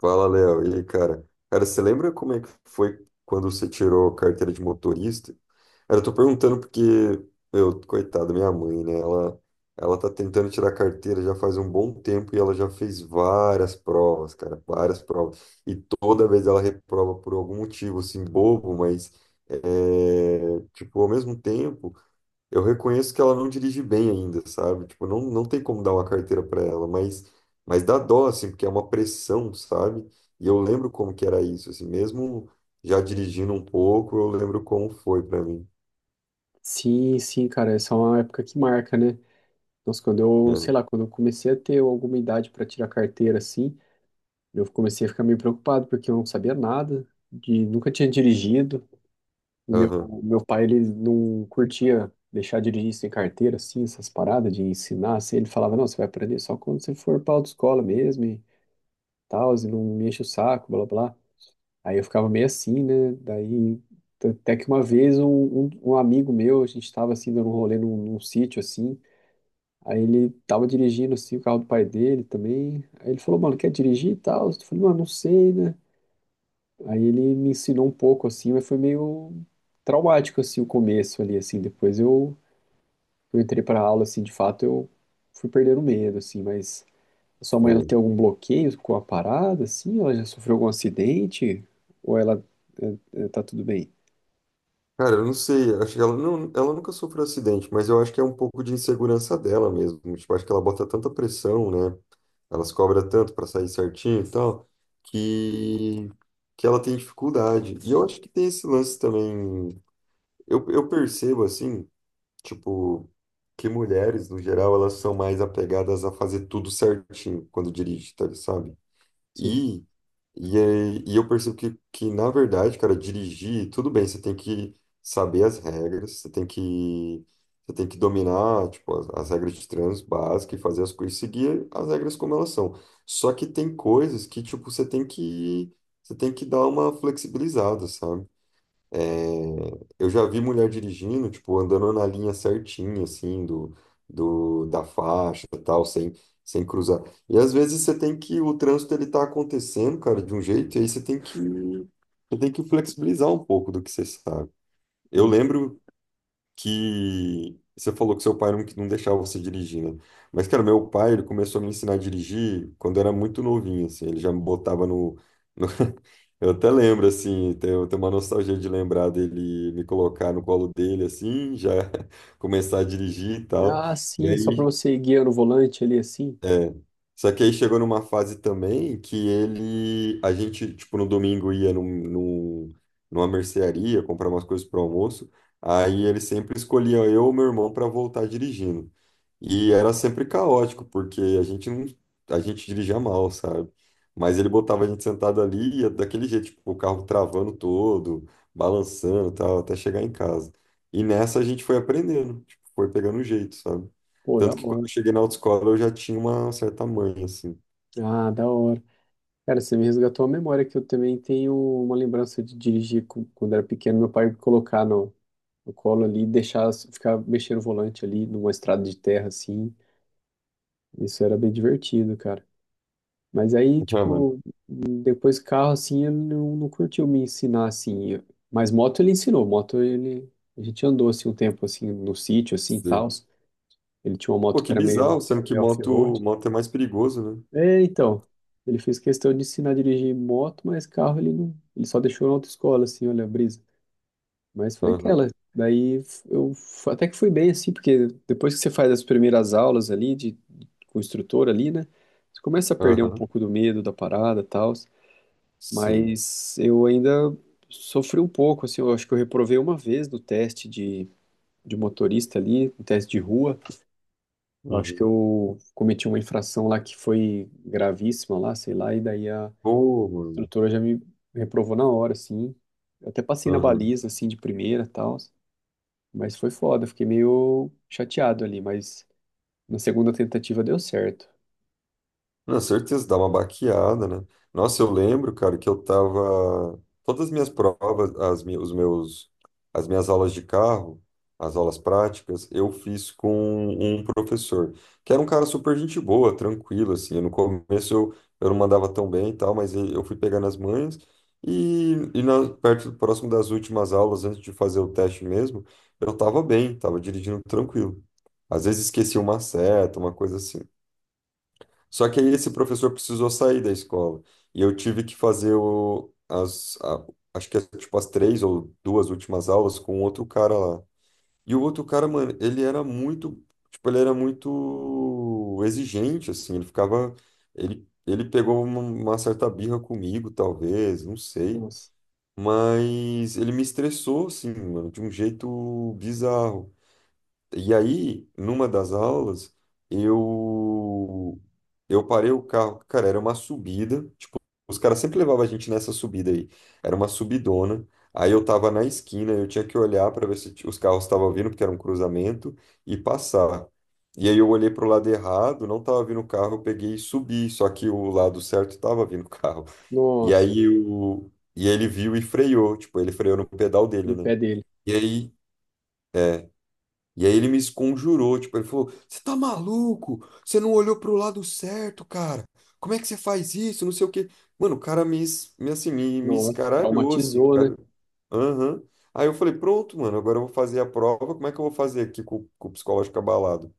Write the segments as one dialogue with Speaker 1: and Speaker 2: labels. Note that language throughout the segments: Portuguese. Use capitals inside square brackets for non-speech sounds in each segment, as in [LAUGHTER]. Speaker 1: Fala, Léo. E aí, cara? Cara, você lembra como é que foi quando você tirou a carteira de motorista? Cara, eu tô perguntando porque, meu, coitada, minha mãe, né? Ela tá tentando tirar a carteira já faz um bom tempo e ela já fez várias provas, cara, várias provas. E toda vez ela reprova por algum motivo, assim, bobo, mas, é, tipo, ao mesmo tempo. Eu reconheço que ela não dirige bem ainda, sabe? Tipo, não tem como dar uma carteira para ela, mas dá dó, assim, porque é uma pressão, sabe? E eu lembro como que era isso, assim, mesmo já dirigindo um pouco, eu lembro como foi para mim.
Speaker 2: Sim, sim, cara, essa é uma época que marca, né? Nossa, quando eu, sei
Speaker 1: Né?
Speaker 2: lá, quando eu comecei a ter alguma idade para tirar carteira, assim, eu comecei a ficar meio preocupado, porque eu não sabia nada, de, nunca tinha dirigido, e meu,
Speaker 1: Aham,
Speaker 2: meu pai, ele não curtia deixar dirigir sem carteira, assim, essas paradas de ensinar, assim, ele falava, não, você vai aprender só quando você for pra autoescola mesmo, e tal, e não me enche o saco, blá, blá. Aí eu ficava meio assim, né? Daí, até que uma vez um amigo meu, a gente estava assim, dando um rolê num sítio, assim, aí ele tava dirigindo assim o carro do pai dele também. Aí ele falou, mano, quer dirigir e tal? Eu falei, mano, não sei, né? Aí ele me ensinou um pouco assim, mas foi meio traumático assim o começo ali, assim. Depois eu entrei pra aula, assim, de fato eu fui perdendo o medo, assim. Mas a sua mãe, ela
Speaker 1: sei.
Speaker 2: tem algum bloqueio com a parada, assim? Ela já sofreu algum acidente? Ou ela é, é, tá tudo bem?
Speaker 1: Cara, eu não sei, acho que ela, não, ela nunca sofreu acidente, mas eu acho que é um pouco de insegurança dela mesmo. Tipo, acho que ela bota tanta pressão, né? Ela se cobra tanto para sair certinho e tal, que, que ela tem dificuldade. E eu acho que tem esse lance também. Eu percebo assim, tipo, que mulheres, no geral, elas são mais apegadas a fazer tudo certinho quando dirige, tá, sabe?
Speaker 2: Sim.
Speaker 1: E, e eu percebo que, na verdade, cara, dirigir, tudo bem, você tem que saber as regras, você tem que dominar, tipo, as regras de trânsito básicas e fazer as coisas, seguir as regras como elas são. Só que tem coisas que, tipo, você tem que dar uma flexibilizada, sabe? Eu já vi mulher dirigindo, tipo, andando na linha certinha, assim, do, da faixa e tal, sem cruzar. E às vezes você tem que, o trânsito ele tá acontecendo, cara, de um jeito, e aí você tem que flexibilizar um pouco do que você sabe.
Speaker 2: E,
Speaker 1: Eu lembro que você falou que seu pai não deixava você dirigir, né? Mas, cara, meu pai, ele começou a me ensinar a dirigir quando eu era muito novinho, assim, ele já me botava no. Eu até lembro, assim, tenho uma nostalgia de lembrar dele me colocar no colo dele, assim, já [LAUGHS] começar a dirigir e tal.
Speaker 2: ah,
Speaker 1: E
Speaker 2: sim, só pra
Speaker 1: aí
Speaker 2: você ir guiando o volante ali, assim.
Speaker 1: só que aí chegou numa fase também que ele, a gente, tipo, no domingo ia num, numa mercearia comprar umas coisas pro almoço, aí ele sempre escolhia eu ou meu irmão para voltar dirigindo. E era sempre caótico, porque a gente não, a gente dirigia mal, sabe? Mas ele botava a gente sentado ali e ia daquele jeito, tipo, o carro travando todo, balançando, e tal, até chegar em casa. E nessa a gente foi aprendendo, tipo, foi pegando o jeito, sabe?
Speaker 2: Pô, da
Speaker 1: Tanto que quando
Speaker 2: hora.
Speaker 1: eu cheguei na autoescola eu já tinha uma certa manha, assim.
Speaker 2: Ah, da hora. Cara, você me resgatou a memória que eu também tenho uma lembrança de dirigir com- quando era pequeno, meu pai me colocar no, no colo ali e deixar ficar mexendo o volante ali numa estrada de terra assim. Isso era bem divertido, cara. Mas aí,
Speaker 1: [LAUGHS] Ah, mano,
Speaker 2: tipo, depois carro assim, ele não, não curtiu me ensinar assim. Mas moto ele ensinou, moto ele a gente andou assim um tempo assim no sítio assim, tal.
Speaker 1: sei.
Speaker 2: Ele tinha uma
Speaker 1: Pô,
Speaker 2: moto que
Speaker 1: que
Speaker 2: era
Speaker 1: bizarro,
Speaker 2: meio
Speaker 1: sendo que
Speaker 2: meio
Speaker 1: moto,
Speaker 2: off-road.
Speaker 1: moto é mais perigoso, né?
Speaker 2: É, então, ele fez questão de ensinar a dirigir moto, mas carro ele não, ele só deixou na autoescola, assim, olha a brisa. Mas foi
Speaker 1: Aham,
Speaker 2: aquela. Daí eu f- até que fui bem, assim, porque depois que você faz as primeiras aulas ali de- com o instrutor ali, né, você começa a perder um
Speaker 1: aham,
Speaker 2: pouco do medo da parada, tal.
Speaker 1: sim.
Speaker 2: Mas eu ainda sofri um pouco, assim, eu acho que eu reprovei uma vez no teste de motorista ali, no teste de rua. Eu acho que
Speaker 1: Uhum.
Speaker 2: eu cometi uma infração lá que foi gravíssima lá, sei lá, e daí a
Speaker 1: Pô, mano.
Speaker 2: instrutora já me reprovou na hora, assim. Eu até passei na
Speaker 1: Aham.
Speaker 2: baliza, assim, de primeira e tal. Mas foi foda, fiquei meio chateado ali. Mas na segunda tentativa deu certo.
Speaker 1: Na certeza, dá uma baqueada, né? Nossa, eu lembro, cara, que eu tava. Todas as minhas provas, as, mi- os meus, as minhas aulas de carro, as aulas práticas, eu fiz com um professor, que era um cara super gente boa, tranquilo, assim. No começo eu não mandava tão bem e tal, mas eu fui pegando as manhas. E próximo das últimas aulas, antes de fazer o teste mesmo, eu tava bem, tava dirigindo tranquilo. Às vezes esquecia uma seta, uma coisa assim. Só que aí esse professor precisou sair da escola e eu tive que fazer acho que tipo, as três ou duas últimas aulas com outro cara lá. E o outro cara, mano, ele era muito exigente, assim, ele ficava, ele pegou uma certa birra comigo, talvez, não sei,
Speaker 2: Nossa,
Speaker 1: mas ele me estressou, assim, mano, de um jeito bizarro. E aí, numa das aulas, eu eu parei o carro. Cara, era uma subida. Tipo, os caras sempre levavam a gente nessa subida aí. Era uma subidona. Aí eu tava na esquina, eu tinha que olhar para ver se os carros estavam vindo, porque era um cruzamento, e passar. E aí eu olhei pro lado errado, não tava vindo o carro, eu peguei e subi, só que o lado certo tava vindo o carro. E
Speaker 2: nossa,
Speaker 1: aí o e ele viu e freou, tipo, ele freou no pedal dele,
Speaker 2: no
Speaker 1: né?
Speaker 2: pé dele.
Speaker 1: E aí e aí ele me esconjurou, tipo, ele falou: Você tá maluco? Você não olhou pro lado certo, cara. Como é que você faz isso? Não sei o quê. Mano, o cara me, es- me, assim, me
Speaker 2: Nossa,
Speaker 1: escaralhou, assim,
Speaker 2: traumatizou, né?
Speaker 1: cara. Aham. Aí eu falei: Pronto, mano, agora eu vou fazer a prova. Como é que eu vou fazer aqui com o psicológico abalado?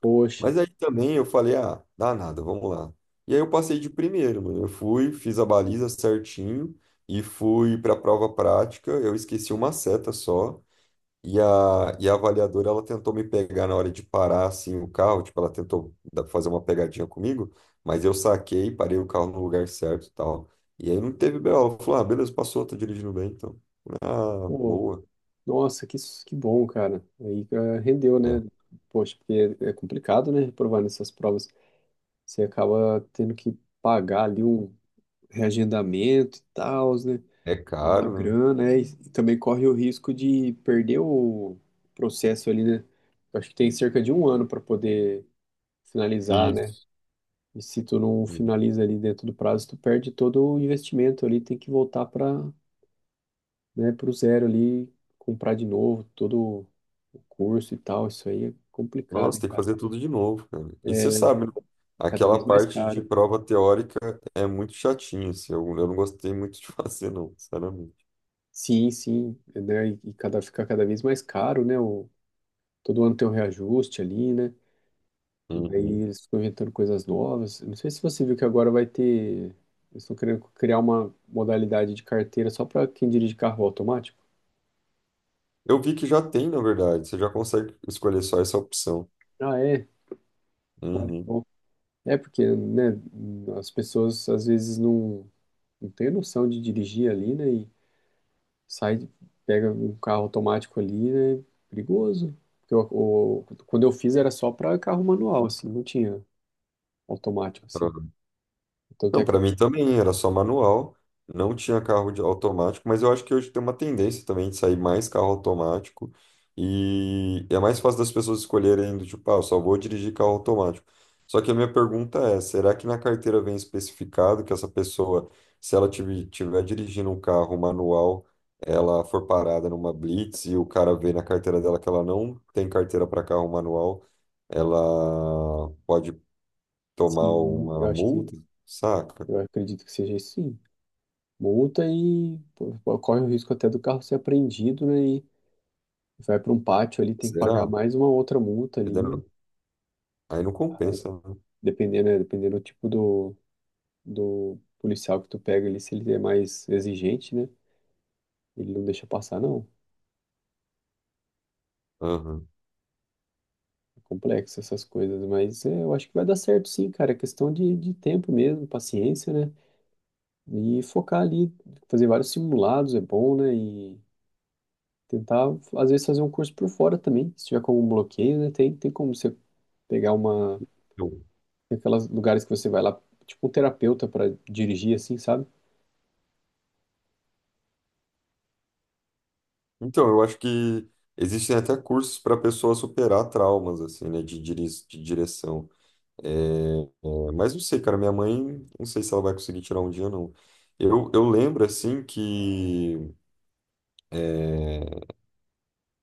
Speaker 2: Poxa,
Speaker 1: Mas aí também eu falei: Ah, dá nada, vamos lá. E aí eu passei de primeiro, mano. Eu fui, fiz a baliza certinho e fui pra prova prática. Eu esqueci uma seta só. E a avaliadora, ela tentou me pegar na hora de parar, assim, o carro. Tipo, ela tentou fazer uma pegadinha comigo, mas eu saquei, parei o carro no lugar certo e tal. E aí não teve BO. Ela falou, ah, beleza, passou, tá dirigindo bem, então. Ah,
Speaker 2: pô,
Speaker 1: boa.
Speaker 2: nossa, que, s- que bom, cara. Aí eh, rendeu, né? Poxa, porque é complicado, né? Reprovar nessas provas. Você acaba tendo que pagar ali um reagendamento e tal, né?
Speaker 1: É, é
Speaker 2: Uma
Speaker 1: caro, né?
Speaker 2: grana, né? E também corre o risco de perder o processo ali, né? Eu acho que tem cerca de um ano para poder finalizar, né?
Speaker 1: Isso.
Speaker 2: E se tu não finaliza ali dentro do prazo, tu perde todo o investimento ali, tem que voltar para, né, para o zero ali, comprar de novo todo o curso e tal. Isso aí é complicado,
Speaker 1: Nossa,
Speaker 2: hein,
Speaker 1: tem que
Speaker 2: cara?
Speaker 1: fazer tudo de novo, cara. E você
Speaker 2: É
Speaker 1: sabe, né?
Speaker 2: cada vez
Speaker 1: Aquela
Speaker 2: mais
Speaker 1: parte de
Speaker 2: caro.
Speaker 1: prova teórica é muito chatinha, assim. Eu não gostei muito de [LAUGHS] fazer, não, sinceramente.
Speaker 2: Sim, sim, né? E cada, fica cada vez mais caro, né? O, todo ano tem um reajuste ali, né? Daí
Speaker 1: Uhum.
Speaker 2: eles ficam inventando coisas novas. Não sei se você viu que agora vai ter. Eles estão querendo criar uma modalidade de carteira só para quem dirige carro automático.
Speaker 1: Eu vi que já tem, na verdade. Você já consegue escolher só essa opção.
Speaker 2: Ah, é? Olha que
Speaker 1: Uhum.
Speaker 2: bom. É porque, né, as pessoas às vezes não, não têm noção de dirigir ali, né? E sai, pega um carro automático ali, né? Perigoso. Porque eu- o- quando eu fiz era só para carro manual, assim, não tinha automático, assim.
Speaker 1: Uhum.
Speaker 2: Então
Speaker 1: Não,
Speaker 2: tem que.
Speaker 1: para mim também era só manual. Não tinha carro de automático, mas eu acho que hoje tem uma tendência também de sair mais carro automático. E é mais fácil das pessoas escolherem do tipo, ah, eu só vou dirigir carro automático. Só que a minha pergunta é, será que na carteira vem especificado que essa pessoa, se ela estiver dirigindo um carro manual, ela for parada numa blitz e o cara vê na carteira dela que ela não tem carteira para carro manual? Ela pode tomar
Speaker 2: Sim, eu
Speaker 1: uma
Speaker 2: acho que.
Speaker 1: multa, saca?
Speaker 2: Eu acredito que seja isso, sim. Multa e pô, corre o risco até do carro ser apreendido, né? E vai para um pátio ali, tem que pagar
Speaker 1: Será?
Speaker 2: mais uma outra multa
Speaker 1: Porque daí
Speaker 2: ali,
Speaker 1: não- Aí não
Speaker 2: aí,
Speaker 1: compensa, né?
Speaker 2: dependendo, né, dependendo do tipo do, do policial que tu pega ali, se ele é mais exigente, né? Ele não deixa passar, não.
Speaker 1: Aham.
Speaker 2: É complexo essas coisas, mas é, eu acho que vai dar certo sim, cara. É questão de tempo mesmo, paciência, né? E focar ali, fazer vários simulados é bom, né? E tentar, às vezes, fazer um curso por fora também. Se tiver como um bloqueio, né? Tem, tem como você pegar uma,
Speaker 1: Eu-
Speaker 2: tem aqueles lugares que você vai lá, tipo um terapeuta pra dirigir, assim, sabe?
Speaker 1: Então, eu acho que existem até cursos para a pessoa superar traumas, assim, né, de direção. É, mas não sei, cara, minha mãe, não sei se ela vai conseguir tirar um dia, não. Eu lembro, assim, é,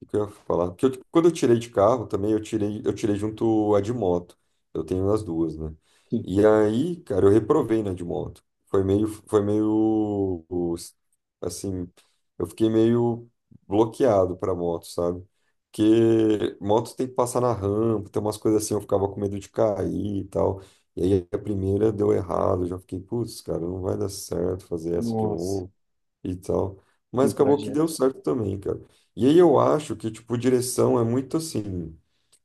Speaker 1: O que eu ia falar? Porque eu, tipo, quando eu tirei de carro também, eu tirei junto a de moto. Eu tenho as duas, né?
Speaker 2: Sim.
Speaker 1: E aí, cara, eu reprovei na de moto. Foi meio, foi meio, os- assim, eu fiquei meio bloqueado pra moto, sabe? Porque moto tem que passar na rampa, tem umas coisas assim, eu ficava com medo de cair e tal. E aí a primeira deu errado, eu já fiquei, putz, cara, não vai dar certo fazer essa de
Speaker 2: Nossa,
Speaker 1: novo e tal.
Speaker 2: que
Speaker 1: Mas acabou que deu
Speaker 2: trajeto.
Speaker 1: certo também, cara. E aí eu acho que, tipo, direção é muito assim.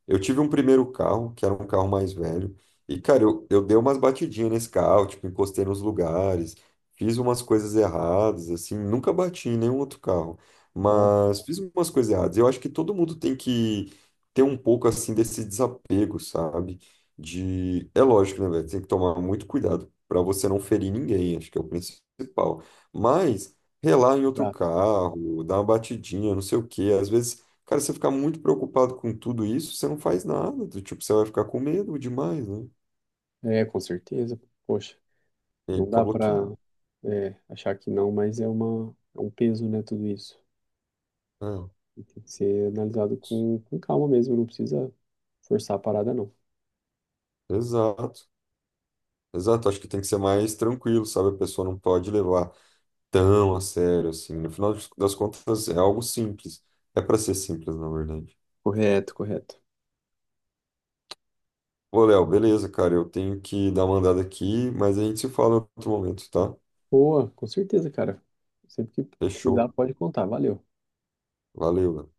Speaker 1: Eu tive um primeiro carro, que era um carro mais velho, e, cara, eu dei umas batidinhas nesse carro, tipo, encostei nos lugares, fiz umas coisas erradas, assim, nunca bati em nenhum outro carro,
Speaker 2: Ó,
Speaker 1: mas fiz umas coisas erradas. Eu acho que todo mundo tem que ter um pouco, assim, desse desapego, sabe? De... É lógico, né, velho? Tem que tomar muito cuidado para você não ferir ninguém, acho que é o principal. Mas relar em outro
Speaker 2: exato.
Speaker 1: carro, dar uma batidinha, não sei o quê, às vezes. Cara, se você ficar muito preocupado com tudo isso, você não faz nada, do tipo, você vai ficar com medo demais, né?
Speaker 2: É, com certeza. Poxa,
Speaker 1: E aí
Speaker 2: não
Speaker 1: fica
Speaker 2: dá pra
Speaker 1: bloqueado.
Speaker 2: é, achar que não, mas é uma, é um peso, né, tudo isso.
Speaker 1: É,
Speaker 2: E tem que ser analisado com calma mesmo, não precisa forçar a parada, não.
Speaker 1: exato. Exato. Acho que tem que ser mais tranquilo, sabe? A pessoa não pode levar tão a sério assim. No final das contas, é algo simples. É para ser simples, na verdade.
Speaker 2: Correto, correto.
Speaker 1: Ô, Léo, beleza, cara. Eu tenho que dar uma andada aqui, mas a gente se fala em outro momento, tá?
Speaker 2: Boa, com certeza, cara. Sempre que precisar,
Speaker 1: Fechou.
Speaker 2: pode contar. Valeu.
Speaker 1: Valeu, Léo.